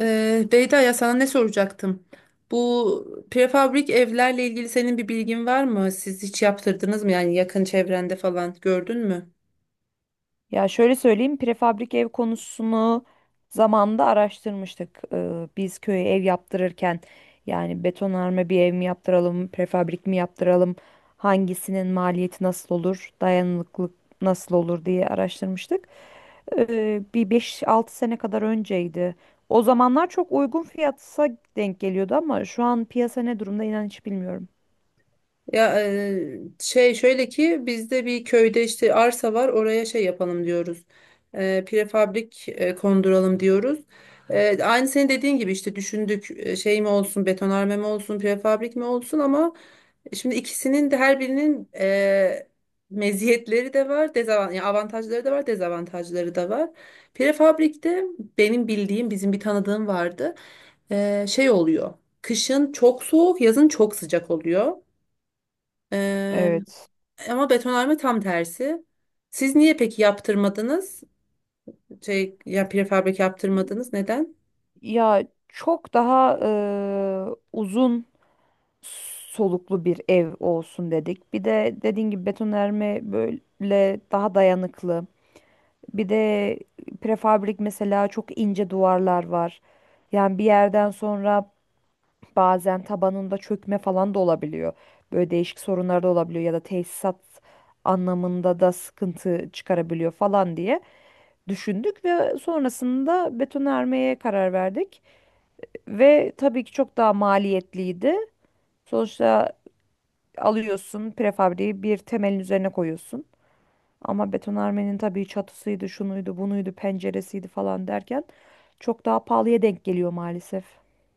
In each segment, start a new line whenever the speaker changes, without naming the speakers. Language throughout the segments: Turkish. Beyda, ya sana ne soracaktım? Bu prefabrik evlerle ilgili senin bir bilgin var mı? Siz hiç yaptırdınız mı? Yani yakın çevrende falan gördün mü?
Ya şöyle söyleyeyim, prefabrik ev konusunu zamanında araştırmıştık. Biz köye ev yaptırırken yani betonarme bir ev mi yaptıralım, prefabrik mi yaptıralım, hangisinin maliyeti nasıl olur, dayanıklılık nasıl olur diye araştırmıştık. Bir 5-6 sene kadar önceydi. O zamanlar çok uygun fiyatsa denk geliyordu ama şu an piyasa ne durumda inan hiç bilmiyorum.
Ya, şey, şöyle ki bizde bir köyde işte arsa var, oraya şey yapalım diyoruz. Prefabrik konduralım diyoruz. Aynı senin dediğin gibi işte düşündük, şey mi olsun, betonarme mi olsun, prefabrik mi olsun, ama şimdi ikisinin de, her birinin, meziyetleri de var, yani avantajları da var, dezavantajları da var. Prefabrikte benim bildiğim, bizim bir tanıdığım vardı. Şey oluyor. Kışın çok soğuk, yazın çok sıcak oluyor. Ee,
Evet.
ama betonarme tam tersi. Siz niye peki yaptırmadınız? Şey, ya, prefabrik yaptırmadınız. Neden?
Ya çok daha uzun soluklu bir ev olsun dedik. Bir de dediğin gibi betonarme böyle daha dayanıklı. Bir de prefabrik mesela çok ince duvarlar var. Yani bir yerden sonra bazen tabanında çökme falan da olabiliyor. Böyle değişik sorunlar da olabiliyor ya da tesisat anlamında da sıkıntı çıkarabiliyor falan diye düşündük ve sonrasında betonarmeye karar verdik. Ve tabii ki çok daha maliyetliydi. Sonuçta alıyorsun prefabriği bir temelin üzerine koyuyorsun. Ama betonarmenin tabii çatısıydı, şunuydu, bunuydu, penceresiydi falan derken çok daha pahalıya denk geliyor maalesef.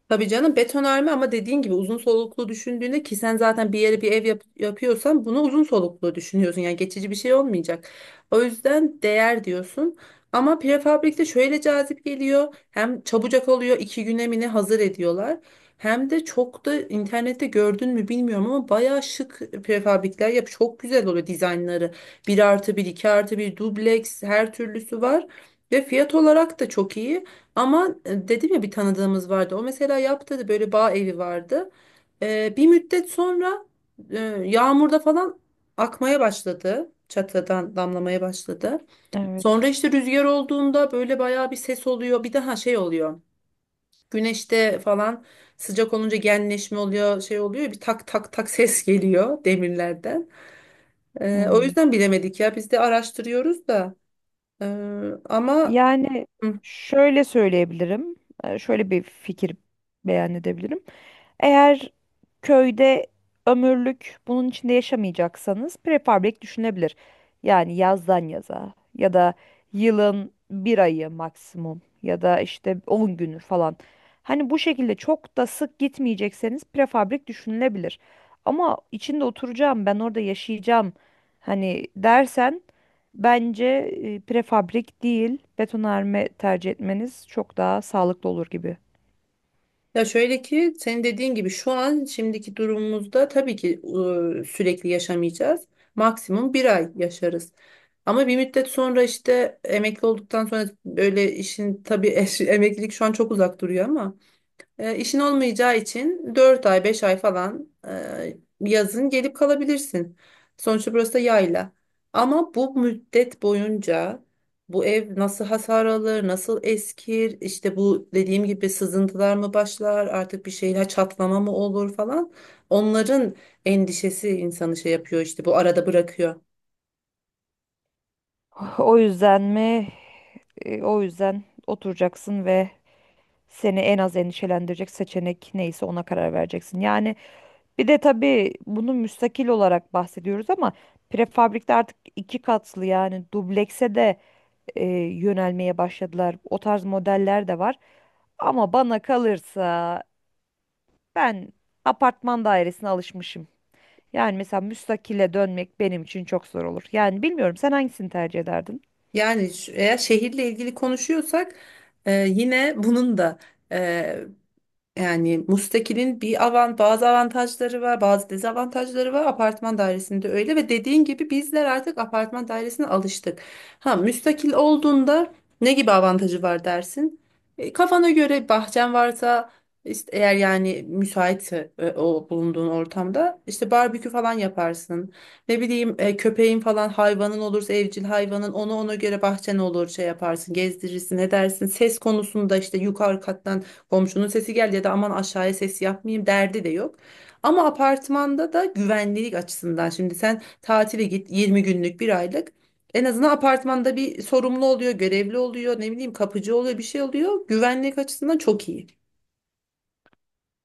Tabii canım, betonarme, ama dediğin gibi uzun soluklu düşündüğünde, ki sen zaten bir yere bir ev yapıyorsan bunu uzun soluklu düşünüyorsun. Yani geçici bir şey olmayacak. O yüzden değer diyorsun. Ama prefabrikte şöyle cazip geliyor. Hem çabucak oluyor, 2 güne mi ne hazır ediyorlar. Hem de çok da, internette gördün mü bilmiyorum ama bayağı şık prefabrikler yap. Çok güzel oluyor dizaynları. Bir artı bir, 2 artı bir, dubleks, her türlüsü var. Ve fiyat olarak da çok iyi. Ama, dedim ya, bir tanıdığımız vardı. O mesela yaptı, böyle bağ evi vardı. Bir müddet sonra e, yağmurda falan akmaya başladı. Çatıdan damlamaya başladı.
Evet.
Sonra işte rüzgar olduğunda böyle bayağı bir ses oluyor. Bir daha şey oluyor. Güneşte falan sıcak olunca genleşme oluyor, şey oluyor. Bir tak tak tak ses geliyor demirlerden.
Hı
O
hı.
yüzden bilemedik ya. Biz de araştırıyoruz da. E, ama
Yani şöyle söyleyebilirim. Şöyle bir fikir beyan edebilirim. Eğer köyde ömürlük bunun içinde yaşamayacaksanız prefabrik düşünebilir. Yani yazdan yaza ya da yılın bir ayı maksimum ya da işte 10 günü falan. Hani bu şekilde çok da sık gitmeyecekseniz prefabrik düşünülebilir. Ama içinde oturacağım, ben orada yaşayacağım hani dersen bence prefabrik değil betonarme tercih etmeniz çok daha sağlıklı olur gibi.
Ya, şöyle ki senin dediğin gibi şu an şimdiki durumumuzda tabii ki sürekli yaşamayacağız. Maksimum bir ay yaşarız. Ama bir müddet sonra, işte emekli olduktan sonra, böyle işin tabii emeklilik şu an çok uzak duruyor ama işin olmayacağı için 4 ay 5 ay falan, yazın gelip kalabilirsin. Sonuçta burası da yayla. Ama bu müddet boyunca bu ev nasıl hasar alır, nasıl eskir, işte bu dediğim gibi sızıntılar mı başlar, artık bir şeyler çatlama mı olur falan. Onların endişesi insanı şey yapıyor işte, bu arada bırakıyor.
O yüzden mi? E, o yüzden oturacaksın ve seni en az endişelendirecek seçenek neyse ona karar vereceksin. Yani bir de tabii bunu müstakil olarak bahsediyoruz ama prefabrikte artık iki katlı yani dublekse de e, yönelmeye başladılar. O tarz modeller de var. Ama bana kalırsa ben apartman dairesine alışmışım. Yani mesela müstakile dönmek benim için çok zor olur. Yani bilmiyorum sen hangisini tercih ederdin?
Yani eğer şehirle ilgili konuşuyorsak yine bunun da e, yani müstakilin bazı avantajları var, bazı dezavantajları var. Apartman dairesinde öyle, ve dediğin gibi bizler artık apartman dairesine alıştık. Ha, müstakil olduğunda ne gibi avantajı var dersin? Kafana göre bahçen varsa, işte eğer yani müsaitse, o bulunduğun ortamda işte barbekü falan yaparsın. Ne bileyim, köpeğin falan hayvanın olursa, evcil hayvanın, onu ona göre bahçen olur, şey yaparsın, gezdirirsin, edersin. Ses konusunda işte yukarı kattan komşunun sesi geldi, ya da aman aşağıya ses yapmayayım derdi de yok. Ama apartmanda da güvenlik açısından, şimdi sen tatile git 20 günlük bir aylık, en azından apartmanda bir sorumlu oluyor, görevli oluyor, ne bileyim kapıcı oluyor, bir şey oluyor. Güvenlik açısından çok iyi.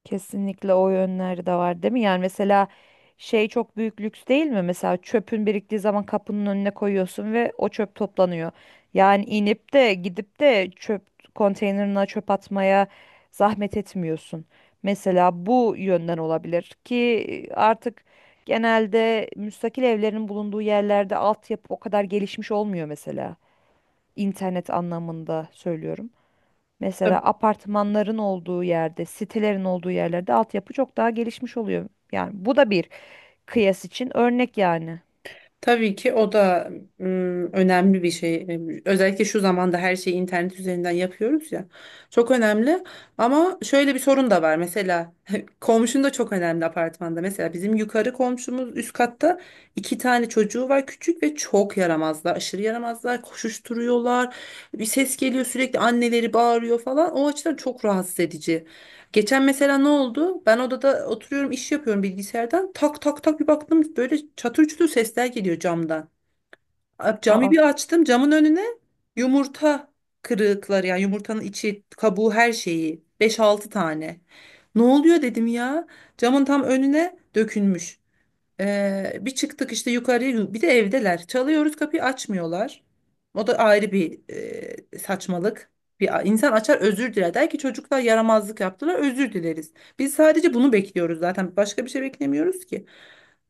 Kesinlikle o yönleri de var değil mi? Yani mesela şey çok büyük lüks değil mi? Mesela çöpün biriktiği zaman kapının önüne koyuyorsun ve o çöp toplanıyor. Yani inip de gidip de çöp konteynerına çöp atmaya zahmet etmiyorsun. Mesela bu yönden olabilir ki artık genelde müstakil evlerin bulunduğu yerlerde altyapı o kadar gelişmiş olmuyor mesela. İnternet anlamında söylüyorum. Mesela apartmanların olduğu yerde, sitelerin olduğu yerlerde altyapı çok daha gelişmiş oluyor. Yani bu da bir kıyas için örnek yani.
Tabii ki o da, önemli bir şey. Özellikle şu zamanda her şeyi internet üzerinden yapıyoruz ya. Çok önemli. Ama şöyle bir sorun da var. Mesela komşun da çok önemli apartmanda. Mesela bizim yukarı komşumuz, üst katta iki tane çocuğu var, küçük, ve çok yaramazlar. Aşırı yaramazlar. Koşuşturuyorlar. Bir ses geliyor sürekli, anneleri bağırıyor falan. O açıdan çok rahatsız edici. Geçen mesela ne oldu? Ben odada oturuyorum, iş yapıyorum bilgisayardan. Tak tak tak, bir baktım böyle çatır çutur sesler geliyor camdan. Camı
Aa,
bir açtım, camın önüne yumurta kırıkları, yani yumurtanın içi, kabuğu, her şeyi, beş altı tane. Ne oluyor dedim ya? Camın tam önüne dökülmüş. Bir çıktık işte yukarıya, bir de evdeler. Çalıyoruz, kapıyı açmıyorlar. O da ayrı bir saçmalık. Bir insan açar, özür diler. Der ki çocuklar yaramazlık yaptılar, özür dileriz. Biz sadece bunu bekliyoruz zaten. Başka bir şey beklemiyoruz ki.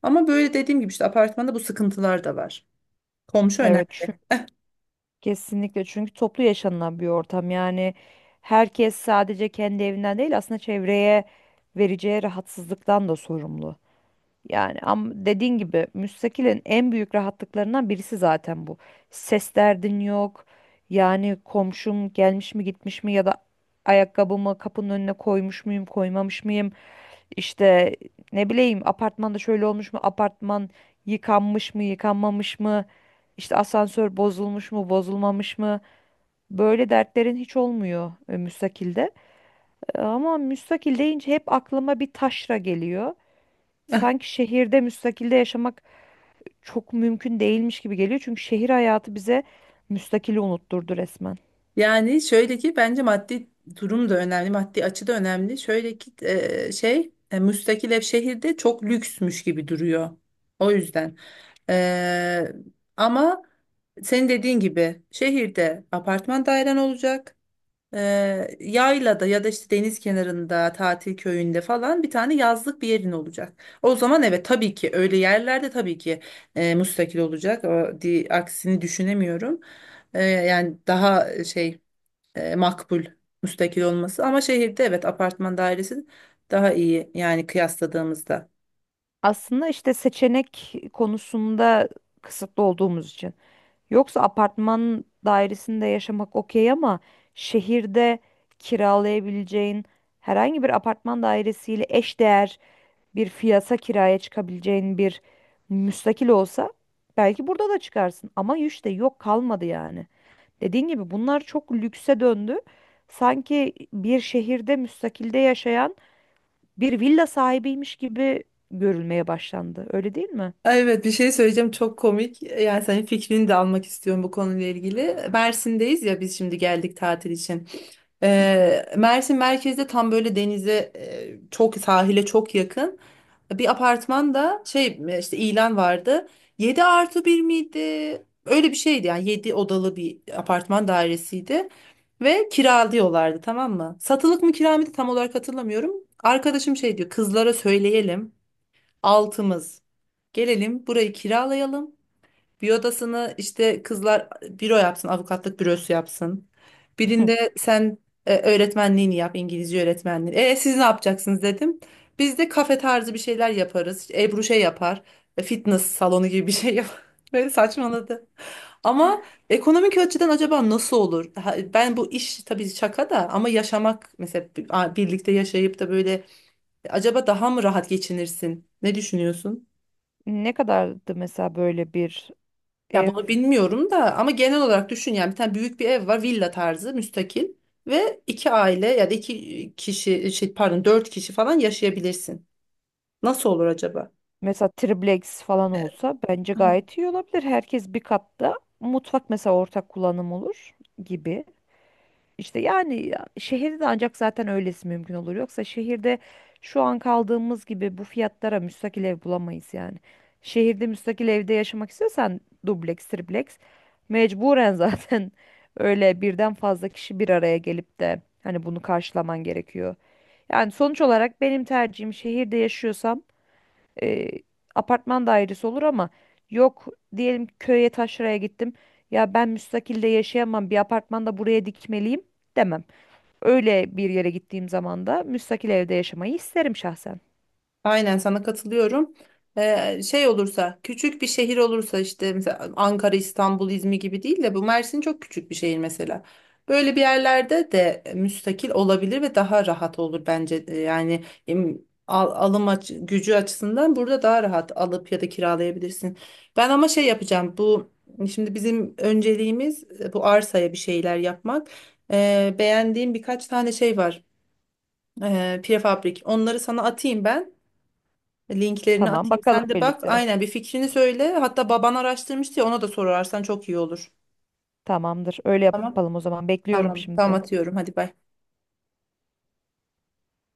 Ama böyle, dediğim gibi, işte apartmanda bu sıkıntılar da var. Komşu önemli.
evet, kesinlikle, çünkü toplu yaşanılan bir ortam. Yani herkes sadece kendi evinden değil aslında çevreye vereceği rahatsızlıktan da sorumlu. Yani ama dediğin gibi müstakilin en büyük rahatlıklarından birisi zaten bu. Ses derdin yok. Yani komşum gelmiş mi gitmiş mi ya da ayakkabımı kapının önüne koymuş muyum koymamış mıyım? İşte ne bileyim apartmanda şöyle olmuş mu, apartman yıkanmış mı yıkanmamış mı? İşte asansör bozulmuş mu bozulmamış mı? Böyle dertlerin hiç olmuyor müstakilde. Ama müstakil deyince hep aklıma bir taşra geliyor. Sanki şehirde müstakilde yaşamak çok mümkün değilmiş gibi geliyor. Çünkü şehir hayatı bize müstakili unutturdu resmen.
Yani şöyle ki bence maddi durum da önemli, maddi açı da önemli. Şöyle ki, şey, müstakil ev şehirde çok lüksmüş gibi duruyor. O yüzden. E, ama senin dediğin gibi şehirde apartman dairen olacak. E, Yaylada ya da işte deniz kenarında, tatil köyünde falan bir tane yazlık bir yerin olacak. O zaman evet, tabii ki, öyle yerlerde tabii ki müstakil olacak. O, aksini düşünemiyorum. Yani daha şey, makbul müstakil olması, ama şehirde evet, apartman dairesi daha iyi yani kıyasladığımızda.
Aslında işte seçenek konusunda kısıtlı olduğumuz için. Yoksa apartman dairesinde yaşamak okey ama şehirde kiralayabileceğin herhangi bir apartman dairesiyle eşdeğer bir fiyata kiraya çıkabileceğin bir müstakil olsa belki burada da çıkarsın. Ama işte yok, kalmadı yani. Dediğin gibi bunlar çok lükse döndü. Sanki bir şehirde müstakilde yaşayan bir villa sahibiymiş gibi görülmeye başlandı. Öyle değil mi?
Ay, evet, bir şey söyleyeceğim, çok komik. Yani senin fikrini de almak istiyorum bu konuyla ilgili. Mersin'deyiz ya, biz şimdi geldik tatil için.
Hı hı.
Mersin merkezde tam böyle, çok sahile çok yakın bir apartmanda, şey, işte ilan vardı. 7+1 miydi? Öyle bir şeydi, yani 7 odalı bir apartman dairesiydi. Ve kiralıyorlardı, tamam mı? Satılık mı, kira mıydı, tam olarak hatırlamıyorum. Arkadaşım şey diyor, kızlara söyleyelim. Altımız. Gelelim, burayı kiralayalım. Bir odasını işte kızlar büro yapsın, avukatlık bürosu yapsın. Birinde sen öğretmenliğini yap, İngilizce öğretmenliği. E siz ne yapacaksınız dedim. Biz de kafe tarzı bir şeyler yaparız. İşte Ebru şey yapar, fitness salonu gibi bir şey yapar. Böyle saçmaladı. Ama ekonomik açıdan acaba nasıl olur? Ha, ben, bu iş tabii şaka da ama, yaşamak mesela, birlikte yaşayıp da böyle, acaba daha mı rahat geçinirsin? Ne düşünüyorsun?
Ne kadardı mesela böyle bir
Ya
ev?
bunu bilmiyorum da ama genel olarak düşün, yani bir tane büyük bir ev var, villa tarzı, müstakil, ve iki aile ya da iki kişi, şey, pardon, dört kişi falan yaşayabilirsin. Nasıl olur acaba?
Mesela triplex falan olsa bence gayet iyi olabilir. Herkes bir katta. Mutfak mesela ortak kullanım olur gibi. İşte yani ya- şehirde de ancak zaten öylesi mümkün olur. Yoksa şehirde şu an kaldığımız gibi bu fiyatlara müstakil ev bulamayız yani. Şehirde müstakil evde yaşamak istiyorsan dubleks, tripleks mecburen zaten öyle birden fazla kişi bir araya gelip de hani bunu karşılaman gerekiyor. Yani sonuç olarak benim tercihim şehirde yaşıyorsam e, apartman dairesi olur ama yok, diyelim ki köye taşraya gittim. Ya ben müstakilde yaşayamam, bir apartmanda buraya dikmeliyim demem. Öyle bir yere gittiğim zaman da müstakil evde yaşamayı isterim şahsen.
Aynen, sana katılıyorum. Şey olursa, küçük bir şehir olursa, işte mesela Ankara, İstanbul, İzmir gibi değil de, bu Mersin çok küçük bir şehir mesela. Böyle bir yerlerde de müstakil olabilir ve daha rahat olur bence. Yani alım gücü açısından burada daha rahat alıp ya da kiralayabilirsin. Ben ama şey yapacağım bu, şimdi bizim önceliğimiz bu arsaya bir şeyler yapmak. Beğendiğim birkaç tane şey var. Prefabrik, onları sana atayım ben. Linklerini
Tamam,
atayım.
bakalım
Sen de bak.
birlikte.
Aynen, bir fikrini söyle. Hatta baban araştırmıştı ya, ona da sorarsan çok iyi olur.
Tamamdır. Öyle
Tamam.
yapalım o zaman. Bekliyorum
Tamam. Tamam,
şimdi.
atıyorum. Hadi, bay.